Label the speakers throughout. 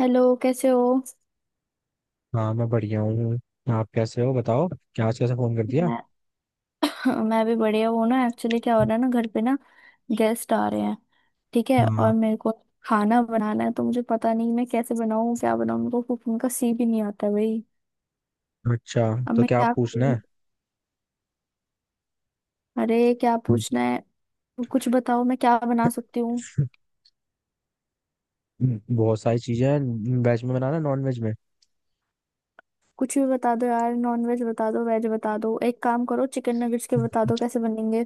Speaker 1: Hello, कैसे हो।
Speaker 2: हाँ मैं बढ़िया हूँ। आप कैसे हो बताओ। क्या आज कैसे फोन कर दिया।
Speaker 1: मैं मैं भी बढ़िया हूँ ना। एक्चुअली, क्या हो रहा है ना, घर पे ना गेस्ट आ रहे हैं। ठीक है,
Speaker 2: हाँ।
Speaker 1: और मेरे को खाना बनाना है, तो मुझे पता नहीं मैं कैसे बनाऊँ, क्या बनाऊँ। मेरे को कुकिंग का सी भी नहीं आता भाई।
Speaker 2: अच्छा।
Speaker 1: अब
Speaker 2: तो
Speaker 1: मैं
Speaker 2: क्या आप
Speaker 1: क्या
Speaker 2: पूछना
Speaker 1: करूँ।
Speaker 2: है।
Speaker 1: अरे, क्या पूछना है, तो कुछ बताओ, मैं क्या बना सकती हूँ।
Speaker 2: बहुत सारी चीजें हैं। वेज में बनाना नॉन वेज में।
Speaker 1: कुछ भी बता दो यार, नॉन वेज बता दो, वेज बता दो। एक काम करो, चिकन नगेट्स के बता दो कैसे बनेंगे।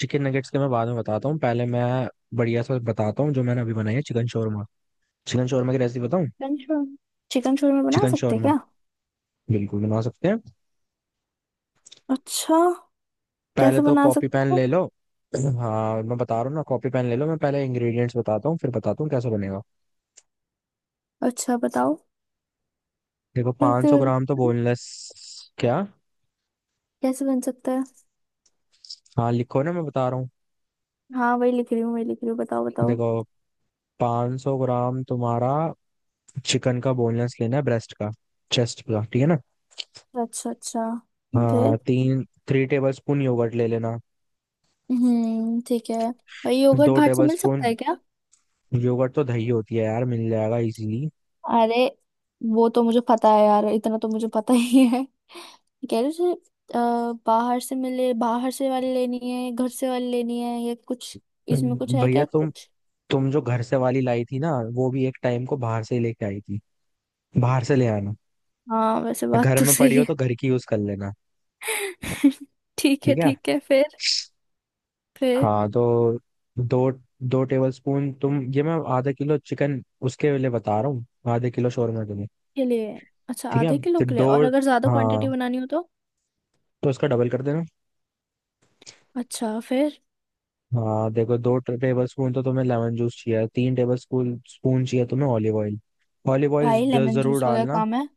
Speaker 2: चिकन नगेट्स के मैं बाद में बताता हूँ। पहले मैं बढ़िया सा बताता हूँ जो मैंने अभी बनाई है, चिकन शोरमा। चिकन शोरमा की रेसिपी बताऊँ?
Speaker 1: Chicken shawarma. चिकन शोरमा बना
Speaker 2: चिकन
Speaker 1: सकते
Speaker 2: शोरमा
Speaker 1: क्या।
Speaker 2: बिल्कुल बना सकते हैं।
Speaker 1: अच्छा,
Speaker 2: पहले
Speaker 1: कैसे
Speaker 2: तो
Speaker 1: बना
Speaker 2: कॉपी
Speaker 1: सकते
Speaker 2: पैन
Speaker 1: हो।
Speaker 2: ले लो। हाँ मैं बता रहा हूँ ना। कॉपी पैन ले लो। मैं पहले इंग्रेडिएंट्स बताता हूँ फिर बताता हूँ कैसे बनेगा।
Speaker 1: अच्छा, बताओ।
Speaker 2: देखो
Speaker 1: यार, तो
Speaker 2: 500 ग्राम तो बोनलेस। क्या।
Speaker 1: कैसे बन सकता है।
Speaker 2: हाँ लिखो ना, मैं बता रहा हूँ।
Speaker 1: हाँ, वही लिख रही हूँ, वही लिख रही हूँ, बताओ बताओ।
Speaker 2: देखो, पाँच सौ ग्राम तुम्हारा चिकन का बोनलेस लेना है, ब्रेस्ट का। चेस्ट का, ठीक है ना।
Speaker 1: अच्छा अच्छा,
Speaker 2: हाँ,
Speaker 1: फिर।
Speaker 2: तीन थ्री टेबल स्पून योगर्ट ले लेना।
Speaker 1: हम्म, ठीक है। भाई, योगर्ट
Speaker 2: दो
Speaker 1: भाट से
Speaker 2: टेबल
Speaker 1: मिल सकता
Speaker 2: स्पून।
Speaker 1: है क्या।
Speaker 2: योगर्ट तो दही होती है यार, मिल जाएगा इजीली।
Speaker 1: अरे, वो तो मुझे पता है यार, इतना तो मुझे पता ही है। कह रहे थे, बाहर से मिले, बाहर से वाली लेनी है, घर से वाली लेनी है, या कुछ इसमें कुछ है
Speaker 2: भैया
Speaker 1: क्या
Speaker 2: तुम
Speaker 1: कुछ।
Speaker 2: तुम जो घर से वाली लाई थी ना, वो भी एक टाइम को बाहर से ही लेके आई थी। बाहर से ले आना।
Speaker 1: हाँ, वैसे बात
Speaker 2: घर
Speaker 1: तो
Speaker 2: में पड़ी
Speaker 1: सही
Speaker 2: हो
Speaker 1: है।
Speaker 2: तो घर की यूज कर लेना।
Speaker 1: ठीक है,
Speaker 2: ठीक है।
Speaker 1: ठीक है, फिर। फिर
Speaker 2: हाँ तो दो। दो टेबल स्पून तुम, ये मैं आधा किलो चिकन उसके लिए बता रहा हूँ। आधे किलो शोरमा के लिए।
Speaker 1: के लिए। अच्छा,
Speaker 2: ठीक है
Speaker 1: आधे किलो
Speaker 2: तो
Speaker 1: के लिए,
Speaker 2: दो।
Speaker 1: और अगर ज्यादा
Speaker 2: हाँ
Speaker 1: क्वांटिटी बनानी हो तो।
Speaker 2: तो इसका डबल कर देना।
Speaker 1: अच्छा, फिर।
Speaker 2: हाँ देखो, दो टेबल स्पून तो तुम्हें लेमन जूस चाहिए। 3 टेबल स्पून स्पून चाहिए तुम्हें ऑलिव ऑयल। ऑलिव
Speaker 1: भाई,
Speaker 2: ऑयल
Speaker 1: लेमन
Speaker 2: जरूर
Speaker 1: जूस का क्या
Speaker 2: डालना।
Speaker 1: काम है।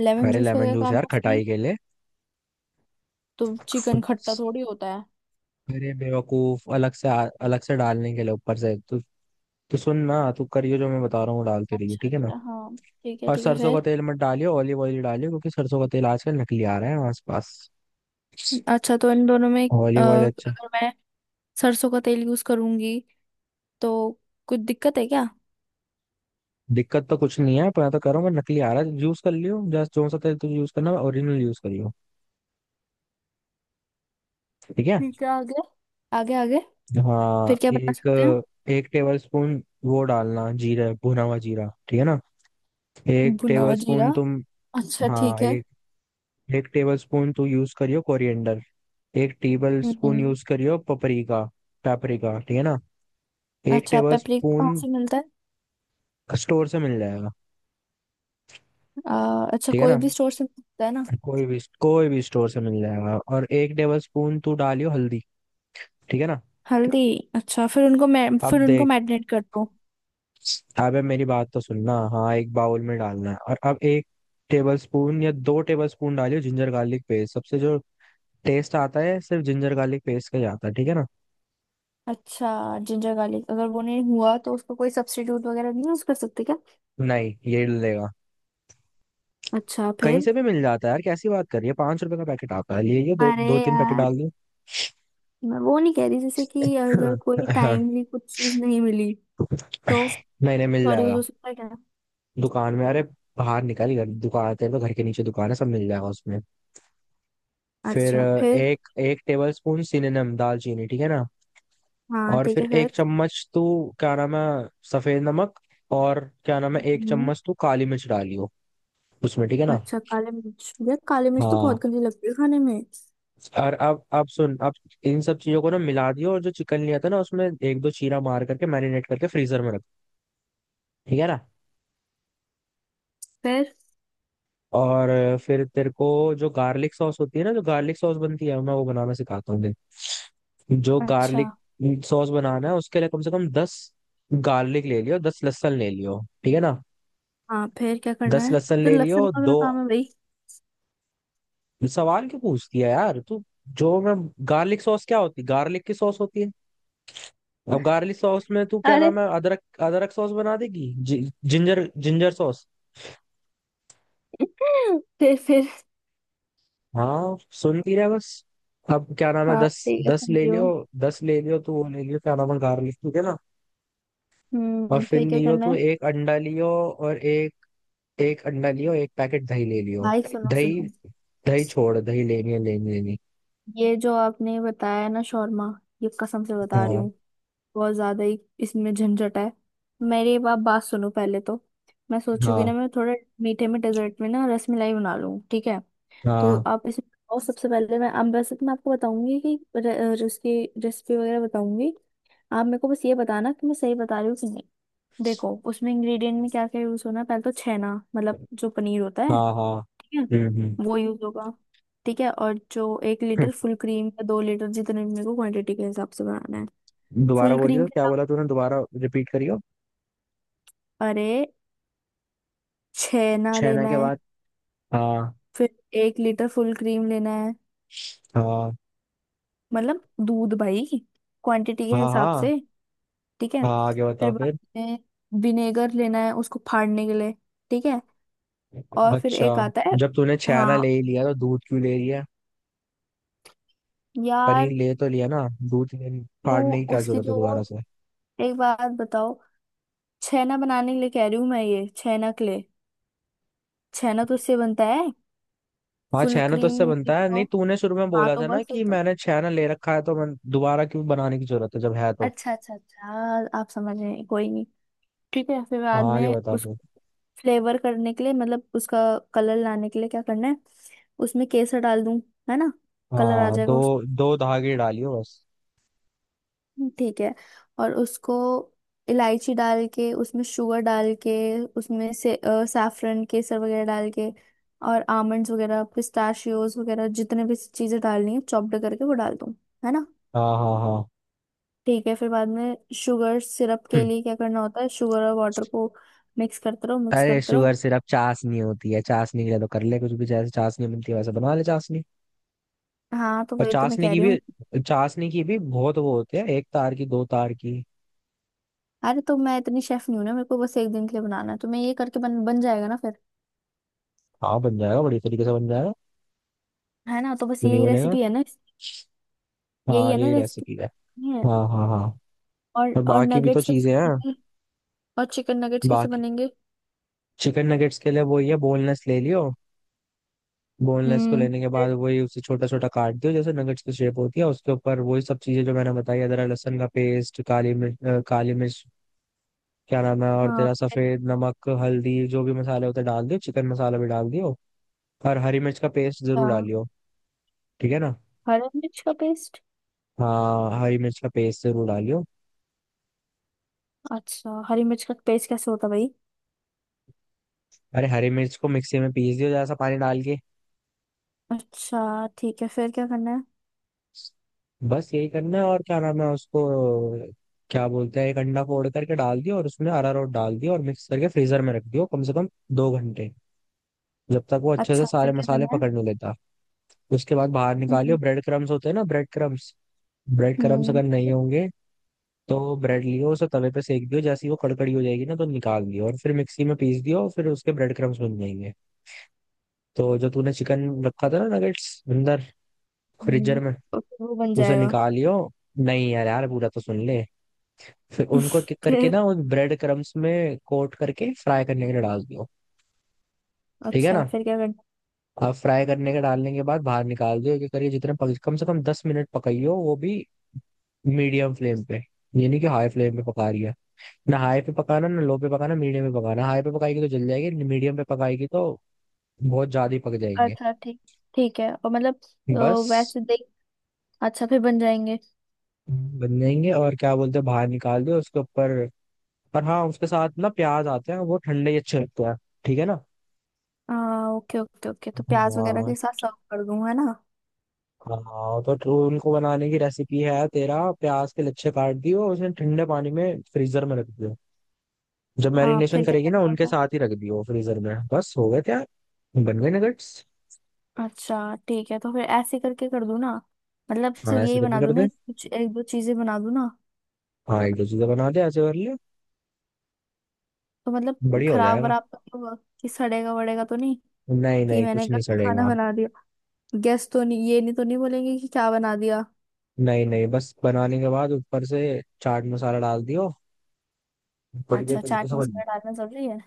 Speaker 1: लेमन
Speaker 2: अरे
Speaker 1: जूस का
Speaker 2: लेमन
Speaker 1: क्या
Speaker 2: जूस
Speaker 1: काम
Speaker 2: यार
Speaker 1: है उसमें।
Speaker 2: खटाई के लिए।
Speaker 1: तो चिकन खट्टा थोड़ी होता है।
Speaker 2: अरे बेवकूफ, अलग से डालने के लिए ऊपर से। तो सुन ना, तू करियो जो मैं बता रहा हूँ वो डालते रहिए,
Speaker 1: अच्छा
Speaker 2: ठीक है ना।
Speaker 1: अच्छा हाँ, ठीक है
Speaker 2: और
Speaker 1: ठीक है,
Speaker 2: सरसों का
Speaker 1: फिर।
Speaker 2: तेल मत डालियो, ऑलिव ऑयल ही डालियो, क्योंकि सरसों का तेल आजकल नकली आ रहा है आसपास।
Speaker 1: अच्छा, तो इन दोनों में,
Speaker 2: ऑलिव ऑयल। अच्छा।
Speaker 1: अगर मैं सरसों का तेल यूज करूंगी तो कुछ दिक्कत है क्या।
Speaker 2: दिक्कत तो कुछ नहीं है, पर मैं तो कह रहा हूँ मैं नकली आ रहा है, यूज कर लियो जस्ट जो सा तेल तुझे यूज करना है ओरिजिनल यूज करियो। ठीक है।
Speaker 1: ठीक है, आगे, आगे, आगे।
Speaker 2: हाँ,
Speaker 1: फिर क्या बना
Speaker 2: एक
Speaker 1: सकते हैं।
Speaker 2: एक टेबल स्पून वो डालना, जीरा, भुना हुआ जीरा, ठीक है ना। एक
Speaker 1: भुना
Speaker 2: टेबल
Speaker 1: हुआ
Speaker 2: स्पून
Speaker 1: जीरा,
Speaker 2: तुम।
Speaker 1: अच्छा
Speaker 2: हाँ,
Speaker 1: ठीक है।
Speaker 2: एक एक टेबल स्पून तू यूज करियो कोरिएंडर। एक टेबल स्पून
Speaker 1: हम्म,
Speaker 2: यूज करियो पपरिका। पेपरिका, ठीक है ना। एक
Speaker 1: अच्छा,
Speaker 2: टेबल
Speaker 1: पेपरिका कहाँ
Speaker 2: स्पून।
Speaker 1: से मिलता है।
Speaker 2: स्टोर से मिल जाएगा।
Speaker 1: अच्छा,
Speaker 2: ठीक है
Speaker 1: कोई
Speaker 2: ना।
Speaker 1: भी स्टोर से मिलता है ना।
Speaker 2: कोई भी, कोई भी स्टोर से मिल जाएगा। और एक टेबल स्पून तू डालियो हल्दी, ठीक है ना।
Speaker 1: हल्दी। अच्छा, फिर उनको मैं
Speaker 2: अब
Speaker 1: फिर उनको
Speaker 2: देख।
Speaker 1: मैरिनेट कर दो।
Speaker 2: अबे मेरी बात तो सुनना। हाँ, एक बाउल में डालना है, और अब एक टेबल स्पून या दो टेबल स्पून डालियो जिंजर गार्लिक पेस्ट। सबसे जो टेस्ट आता है सिर्फ जिंजर गार्लिक पेस्ट का ही आता है, ठीक है ना।
Speaker 1: अच्छा। जिंजर गार्लिक, अगर वो नहीं हुआ तो उसको कोई सब्स्टिट्यूट वगैरह नहीं यूज कर सकते क्या।
Speaker 2: नहीं, ये लेगा।
Speaker 1: अच्छा,
Speaker 2: कहीं
Speaker 1: फिर।
Speaker 2: से भी मिल जाता है यार, कैसी बात कर रही है। 5 रुपए का पैकेट आता है, ले ये दो
Speaker 1: अरे
Speaker 2: दो तीन पैकेट
Speaker 1: यार,
Speaker 2: डाल दो।
Speaker 1: मैं वो नहीं कह रही, जैसे कि अगर कोई
Speaker 2: हाँ।
Speaker 1: टाइमली कुछ चीज नहीं मिली तो,
Speaker 2: नहीं नहीं, मिल
Speaker 1: सॉरी, यूज
Speaker 2: जाएगा
Speaker 1: हो सकता है क्या।
Speaker 2: दुकान में। अरे बाहर निकल घर, दुकान, तेरे तो घर के नीचे दुकान है, सब मिल जाएगा उसमें। फिर
Speaker 1: अच्छा, फिर।
Speaker 2: एक एक टेबल स्पून सिनेनम, दालचीनी, ठीक है ना।
Speaker 1: हाँ,
Speaker 2: और
Speaker 1: ठीक
Speaker 2: फिर
Speaker 1: है,
Speaker 2: एक
Speaker 1: फिर।
Speaker 2: चम्मच तू, क्या नाम है, सफेद नमक, और क्या नाम है, एक
Speaker 1: हम्म,
Speaker 2: चम्मच तू काली मिर्च डालियो उसमें, ठीक है ना।
Speaker 1: अच्छा, काले मिर्च, यार, काले मिर्च तो
Speaker 2: हाँ,
Speaker 1: बहुत गंदी लगती है खाने में।
Speaker 2: और अब सुन। अब इन सब चीजों को ना मिला दियो और जो चिकन लिया था ना, उसमें एक दो चीरा मार करके मैरिनेट करके फ्रीजर में रख। ठीक है ना।
Speaker 1: फिर।
Speaker 2: और फिर तेरे को जो गार्लिक सॉस होती है ना, जो गार्लिक सॉस बनती है, मैं वो बनाना सिखाता हूँ, देख। जो
Speaker 1: अच्छा
Speaker 2: गार्लिक सॉस बनाना है उसके लिए कम से कम 10 गार्लिक ले लियो, 10 लहसुन ले लियो, ठीक है ना।
Speaker 1: हाँ, फिर क्या करना
Speaker 2: दस
Speaker 1: है।
Speaker 2: लहसुन
Speaker 1: तो
Speaker 2: ले लियो
Speaker 1: लहसुन का क्या
Speaker 2: दो।
Speaker 1: काम है भाई।
Speaker 2: सवाल क्यों पूछती है यार तू। जो मैं गार्लिक सॉस, क्या होती, गार्लिक की सॉस होती है। अब गार्लिक सॉस में तू, क्या
Speaker 1: अरे।
Speaker 2: नाम है, अदरक। अदरक सॉस बना देगी। Ginger ginger sauce.
Speaker 1: फिर।
Speaker 2: हाँ सुन, पी रहा है बस। अब, क्या नाम है,
Speaker 1: हाँ,
Speaker 2: दस।
Speaker 1: ठीक है,
Speaker 2: दस ले
Speaker 1: समझी
Speaker 2: लियो।
Speaker 1: हूँ।
Speaker 2: दस ले लियो तू, वो ले लियो, क्या नाम है, गार्लिक, ठीक है ना। और
Speaker 1: हम्म,
Speaker 2: फिर
Speaker 1: फिर क्या
Speaker 2: लियो
Speaker 1: करना
Speaker 2: तू
Speaker 1: है।
Speaker 2: एक अंडा लियो। और एक, एक अंडा लियो, एक पैकेट दही ले लियो।
Speaker 1: भाई, सुनो
Speaker 2: दही।
Speaker 1: सुनो,
Speaker 2: दही छोड़, दही लेनी है, लेनी लेनी।
Speaker 1: ये जो आपने बताया ना शौर्मा, ये कसम से बता रही
Speaker 2: हाँ।
Speaker 1: हूँ, बहुत ज्यादा ही इसमें झंझट है। मेरी आप बात सुनो पहले तो। मैं सोचूंगी
Speaker 2: हाँ
Speaker 1: ना, मैं थोड़ा मीठे में, डेजर्ट में ना रसमलाई बना लूँ, ठीक है। तो
Speaker 2: हाँ।
Speaker 1: आप इसमें, और सबसे पहले मैं, अब वैसे तो मैं आपको बताऊंगी कि उसकी रेसिपी वगैरह बताऊंगी। आप मेरे को बस ये बताना कि मैं सही बता रही हूँ कि नहीं। देखो, उसमें इंग्रेडिएंट में क्या क्या यूज होना है। पहले तो छेना, मतलब जो पनीर होता है
Speaker 2: हाँ हाँ।
Speaker 1: है
Speaker 2: हम्म
Speaker 1: वो यूज होगा। ठीक है, और जो एक
Speaker 2: हम्म
Speaker 1: लीटर फुल क्रीम या 2 लीटर, जितने भी मेरे को क्वांटिटी के हिसाब से बनाना है।
Speaker 2: दोबारा
Speaker 1: फुल क्रीम
Speaker 2: बोलियो,
Speaker 1: के
Speaker 2: क्या
Speaker 1: दाम।
Speaker 2: बोला तूने दोबारा। रिपीट करियो।
Speaker 1: अरे, छेना
Speaker 2: छैना
Speaker 1: लेना
Speaker 2: के
Speaker 1: है।
Speaker 2: बाद। हाँ।
Speaker 1: फिर 1 लीटर फुल क्रीम लेना है,
Speaker 2: हाँ
Speaker 1: मतलब दूध भाई, क्वांटिटी के
Speaker 2: हाँ
Speaker 1: हिसाब
Speaker 2: हाँ।
Speaker 1: से। ठीक है।
Speaker 2: हाँ आगे
Speaker 1: फिर
Speaker 2: बता
Speaker 1: बाद
Speaker 2: फिर।
Speaker 1: में विनेगर लेना है उसको फाड़ने के लिए। ठीक है, और फिर
Speaker 2: अच्छा,
Speaker 1: एक आता है।
Speaker 2: जब तूने छैना ले ही
Speaker 1: हाँ
Speaker 2: लिया तो दूध क्यों ले लिया। पनीर
Speaker 1: यार।
Speaker 2: ले तो लिया ना, दूध ले।
Speaker 1: क्यों,
Speaker 2: फाड़ने की क्या
Speaker 1: उसकी
Speaker 2: जरूरत है
Speaker 1: जो वो,
Speaker 2: दोबारा से।
Speaker 1: एक बात बताओ। छेना बनाने के लिए कह रही हूँ मैं, ये छेना के लिए। छेना तो उससे बनता है,
Speaker 2: हाँ
Speaker 1: फुल
Speaker 2: छैना तो
Speaker 1: क्रीम
Speaker 2: इससे बनता
Speaker 1: मिल्क
Speaker 2: है,
Speaker 1: तो।
Speaker 2: नहीं तूने शुरू में
Speaker 1: हाँ,
Speaker 2: बोला
Speaker 1: तो
Speaker 2: था ना
Speaker 1: बस फिर
Speaker 2: कि
Speaker 1: तो।
Speaker 2: मैंने छैना ले रखा है, तो मैं दोबारा क्यों बनाने की जरूरत है जब है तो।
Speaker 1: अच्छा अच्छा अच्छा, आप समझ रहे हैं, कोई नहीं। ठीक है, फिर बाद
Speaker 2: हाँ
Speaker 1: में
Speaker 2: आगे बता
Speaker 1: उस
Speaker 2: फिर।
Speaker 1: फ्लेवर करने के लिए, मतलब उसका कलर लाने के लिए क्या करना है, उसमें केसर डाल दूं, है ना, कलर आ
Speaker 2: हाँ,
Speaker 1: जाएगा
Speaker 2: दो
Speaker 1: उस।
Speaker 2: दो धागे डालियो बस।
Speaker 1: ठीक है। और उसको इलायची डाल के, उसमें शुगर डाल के, उसमें से saffron, केसर वगैरह डाल के, और आमंड्स वगैरह, पिस्ताशियोज वगैरह, जितने भी चीज़ें डालनी है चॉप्ड करके वो डाल दूं, है ना।
Speaker 2: हाँ हाँ
Speaker 1: ठीक है। फिर बाद में शुगर सिरप के
Speaker 2: हाँ।
Speaker 1: लिए क्या करना होता है, शुगर और वाटर को मिक्स करते रहो, मिक्स
Speaker 2: अरे
Speaker 1: करते रहो।
Speaker 2: शुगर सिर्फ चाशनी होती है, चाशनी के लिए तो कर ले कुछ भी, जैसे चाशनी मिलती है वैसे बना ले चाशनी।
Speaker 1: हाँ, तो
Speaker 2: और
Speaker 1: वही तो मैं
Speaker 2: चाशनी
Speaker 1: कह
Speaker 2: की
Speaker 1: रही हूँ।
Speaker 2: भी चाशनी की भी बहुत वो होते हैं, एक तार की, दो तार की।
Speaker 1: अरे, तो मैं इतनी शेफ नहीं हूँ ना, मेरे को बस एक दिन के लिए बनाना है, तो मैं ये करके बन बन जाएगा ना फिर।
Speaker 2: हाँ बन जाएगा, बड़ी तरीके से बन जाएगा।
Speaker 1: है ना, तो बस
Speaker 2: क्यों नहीं
Speaker 1: यही
Speaker 2: बनेगा।
Speaker 1: रेसिपी है ना इसकी? यही
Speaker 2: हाँ
Speaker 1: है ना
Speaker 2: यही रेसिपी है।
Speaker 1: रेसिपी? है।
Speaker 2: हाँ हाँ हाँ।
Speaker 1: और
Speaker 2: और
Speaker 1: और
Speaker 2: बाकी भी तो
Speaker 1: नगेट्स कैसे
Speaker 2: चीजें हैं।
Speaker 1: बनेंगे। और चिकन नगेट्स कैसे
Speaker 2: बाकी
Speaker 1: बनेंगे।
Speaker 2: चिकन नगेट्स के लिए वही है, बोनलेस ले लियो। बोनलेस को
Speaker 1: हम्म,
Speaker 2: लेने के बाद
Speaker 1: फिर।
Speaker 2: वही उसे छोटा छोटा काट दियो जैसे नगेट्स की शेप होती है, उसके ऊपर वही सब चीजें जो मैंने बताई, अदरक लहसुन का पेस्ट, काली मिर्च, काली मिर्च, क्या नाम है, और
Speaker 1: हाँ,
Speaker 2: तेरा सफेद नमक, हल्दी, जो भी मसाले होते हैं डाल दियो, चिकन मसाला भी डाल दियो। और हरी मिर्च का पेस्ट
Speaker 1: अच्छा,
Speaker 2: जरूर डालियो, ठीक है ना।
Speaker 1: हरी मिर्च का पेस्ट।
Speaker 2: हाँ हरी मिर्च का पेस्ट जरूर डालियो।
Speaker 1: अच्छा, हरी मिर्च का पेस्ट कैसे होता है भाई।
Speaker 2: अरे, हरी मिर्च को मिक्सी में पीस दियो, जरा सा पानी डाल के।
Speaker 1: अच्छा, ठीक है, फिर क्या करना है।
Speaker 2: बस यही करना है, और क्या नाम है उसको, क्या बोलते हैं, एक अंडा फोड़ करके डाल दियो और उसमें अरारोट डाल दियो और मिक्स करके फ्रीजर में रख दियो कम से कम 2 घंटे, जब तक वो अच्छे से
Speaker 1: अच्छा,
Speaker 2: सारे
Speaker 1: फिर क्या
Speaker 2: मसाले
Speaker 1: करना है।
Speaker 2: पकड़ने लेता। उसके बाद बाहर निकालियो।
Speaker 1: हम्म।
Speaker 2: ब्रेड क्रम्स होते हैं ना, ब्रेड क्रम्स। ब्रेड क्रम्स
Speaker 1: हम्म,
Speaker 2: अगर नहीं होंगे तो ब्रेड लियो, उसे तवे पे सेक दियो, जैसे ही वो कड़कड़ी हो जाएगी ना तो निकाल दियो और फिर मिक्सी में पीस दियो और फिर उसके ब्रेड क्रम्स बन जाएंगे। तो जो तूने चिकन रखा था ना नगेट्स, अंदर
Speaker 1: हम्म।
Speaker 2: फ्रीजर में,
Speaker 1: ओके, वो बन
Speaker 2: उसे
Speaker 1: जाएगा।
Speaker 2: निकालियो। नहीं यार, यार पूरा तो सुन ले। फिर उनको किक करके
Speaker 1: फिर।
Speaker 2: ना वो ब्रेड क्रम्स में कोट करके फ्राई करने के लिए डाल दियो, ठीक है ना।
Speaker 1: अच्छा, फिर क्या करना।
Speaker 2: अब फ्राई करने के, डालने के बाद बाहर निकाल दियो कि करिए जितने कम से कम 10 मिनट पकाइयो वो भी, मीडियम फ्लेम पे। यानी कि हाई फ्लेम पे पका रही है, ना हाई पे पकाना, ना लो पे पकाना, मीडियम पे पकाना। हाई पे पकाएगी तो जल जाएगी, मीडियम पे पकाएगी तो बहुत ज्यादा ही पक जाएंगे।
Speaker 1: अच्छा ठीक, ठीक है, और मतलब, अ,
Speaker 2: बस
Speaker 1: वैसे देख। अच्छा, फिर बन जाएंगे।
Speaker 2: बन जाएंगे, और क्या बोलते हैं, बाहर निकाल दो उसके ऊपर। और हाँ, उसके साथ ना प्याज आते हैं, वो ठंडे ही अच्छे लगते हैं, ठीक है ना।
Speaker 1: आ, ओके ओके ओके, तो प्याज वगैरह
Speaker 2: हाँ।
Speaker 1: के साथ सर्व कर दूं, है ना।
Speaker 2: हाँ तो उनको बनाने की रेसिपी है, तेरा प्याज के लच्छे काट दियो और उसे ठंडे पानी में फ्रीजर में रख दियो। जब मैरिनेशन
Speaker 1: फिर क्या
Speaker 2: करेगी ना
Speaker 1: करना
Speaker 2: उनके
Speaker 1: होता
Speaker 2: साथ ही रख दियो फ्रीजर में, बस हो गए। क्या बन गए नगेट्स।
Speaker 1: है। अच्छा, ठीक है, तो फिर ऐसे करके कर दूं ना। मतलब
Speaker 2: हाँ
Speaker 1: सिर्फ
Speaker 2: ऐसे
Speaker 1: यही
Speaker 2: करके
Speaker 1: बना
Speaker 2: कर
Speaker 1: दूं
Speaker 2: दे।
Speaker 1: ना, कुछ एक दो चीजें बना दूं ना।
Speaker 2: हाँ एक दो चीजें बना दे, ऐसे कर ले।
Speaker 1: तो मतलब
Speaker 2: बढ़िया हो
Speaker 1: खराब
Speaker 2: जाएगा।
Speaker 1: वराब तो नहीं होगा, कि सड़ेगा वड़ेगा तो नहीं,
Speaker 2: नहीं
Speaker 1: कि
Speaker 2: नहीं,
Speaker 1: मैंने
Speaker 2: कुछ नहीं
Speaker 1: गलत खाना
Speaker 2: सड़ेगा।
Speaker 1: बना दिया, गेस्ट तो नहीं ये नहीं तो नहीं बोलेंगे कि क्या बना दिया।
Speaker 2: नहीं नहीं, बस बनाने के बाद ऊपर से चाट मसाला डाल दियो, बढ़िया
Speaker 1: अच्छा,
Speaker 2: तरीके
Speaker 1: चाट
Speaker 2: से बन।
Speaker 1: मसाला डालना जरूरी है।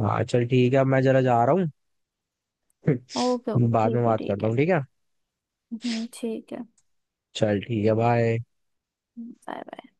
Speaker 2: हाँ चल ठीक है, अब मैं जरा जा रहा हूँ।
Speaker 1: ओके ओके,
Speaker 2: बाद में
Speaker 1: ठीक है
Speaker 2: बात
Speaker 1: ठीक
Speaker 2: करता
Speaker 1: है।
Speaker 2: हूँ, ठीक है।
Speaker 1: ठीक है।
Speaker 2: चल ठीक है, बाय।
Speaker 1: Bye bye.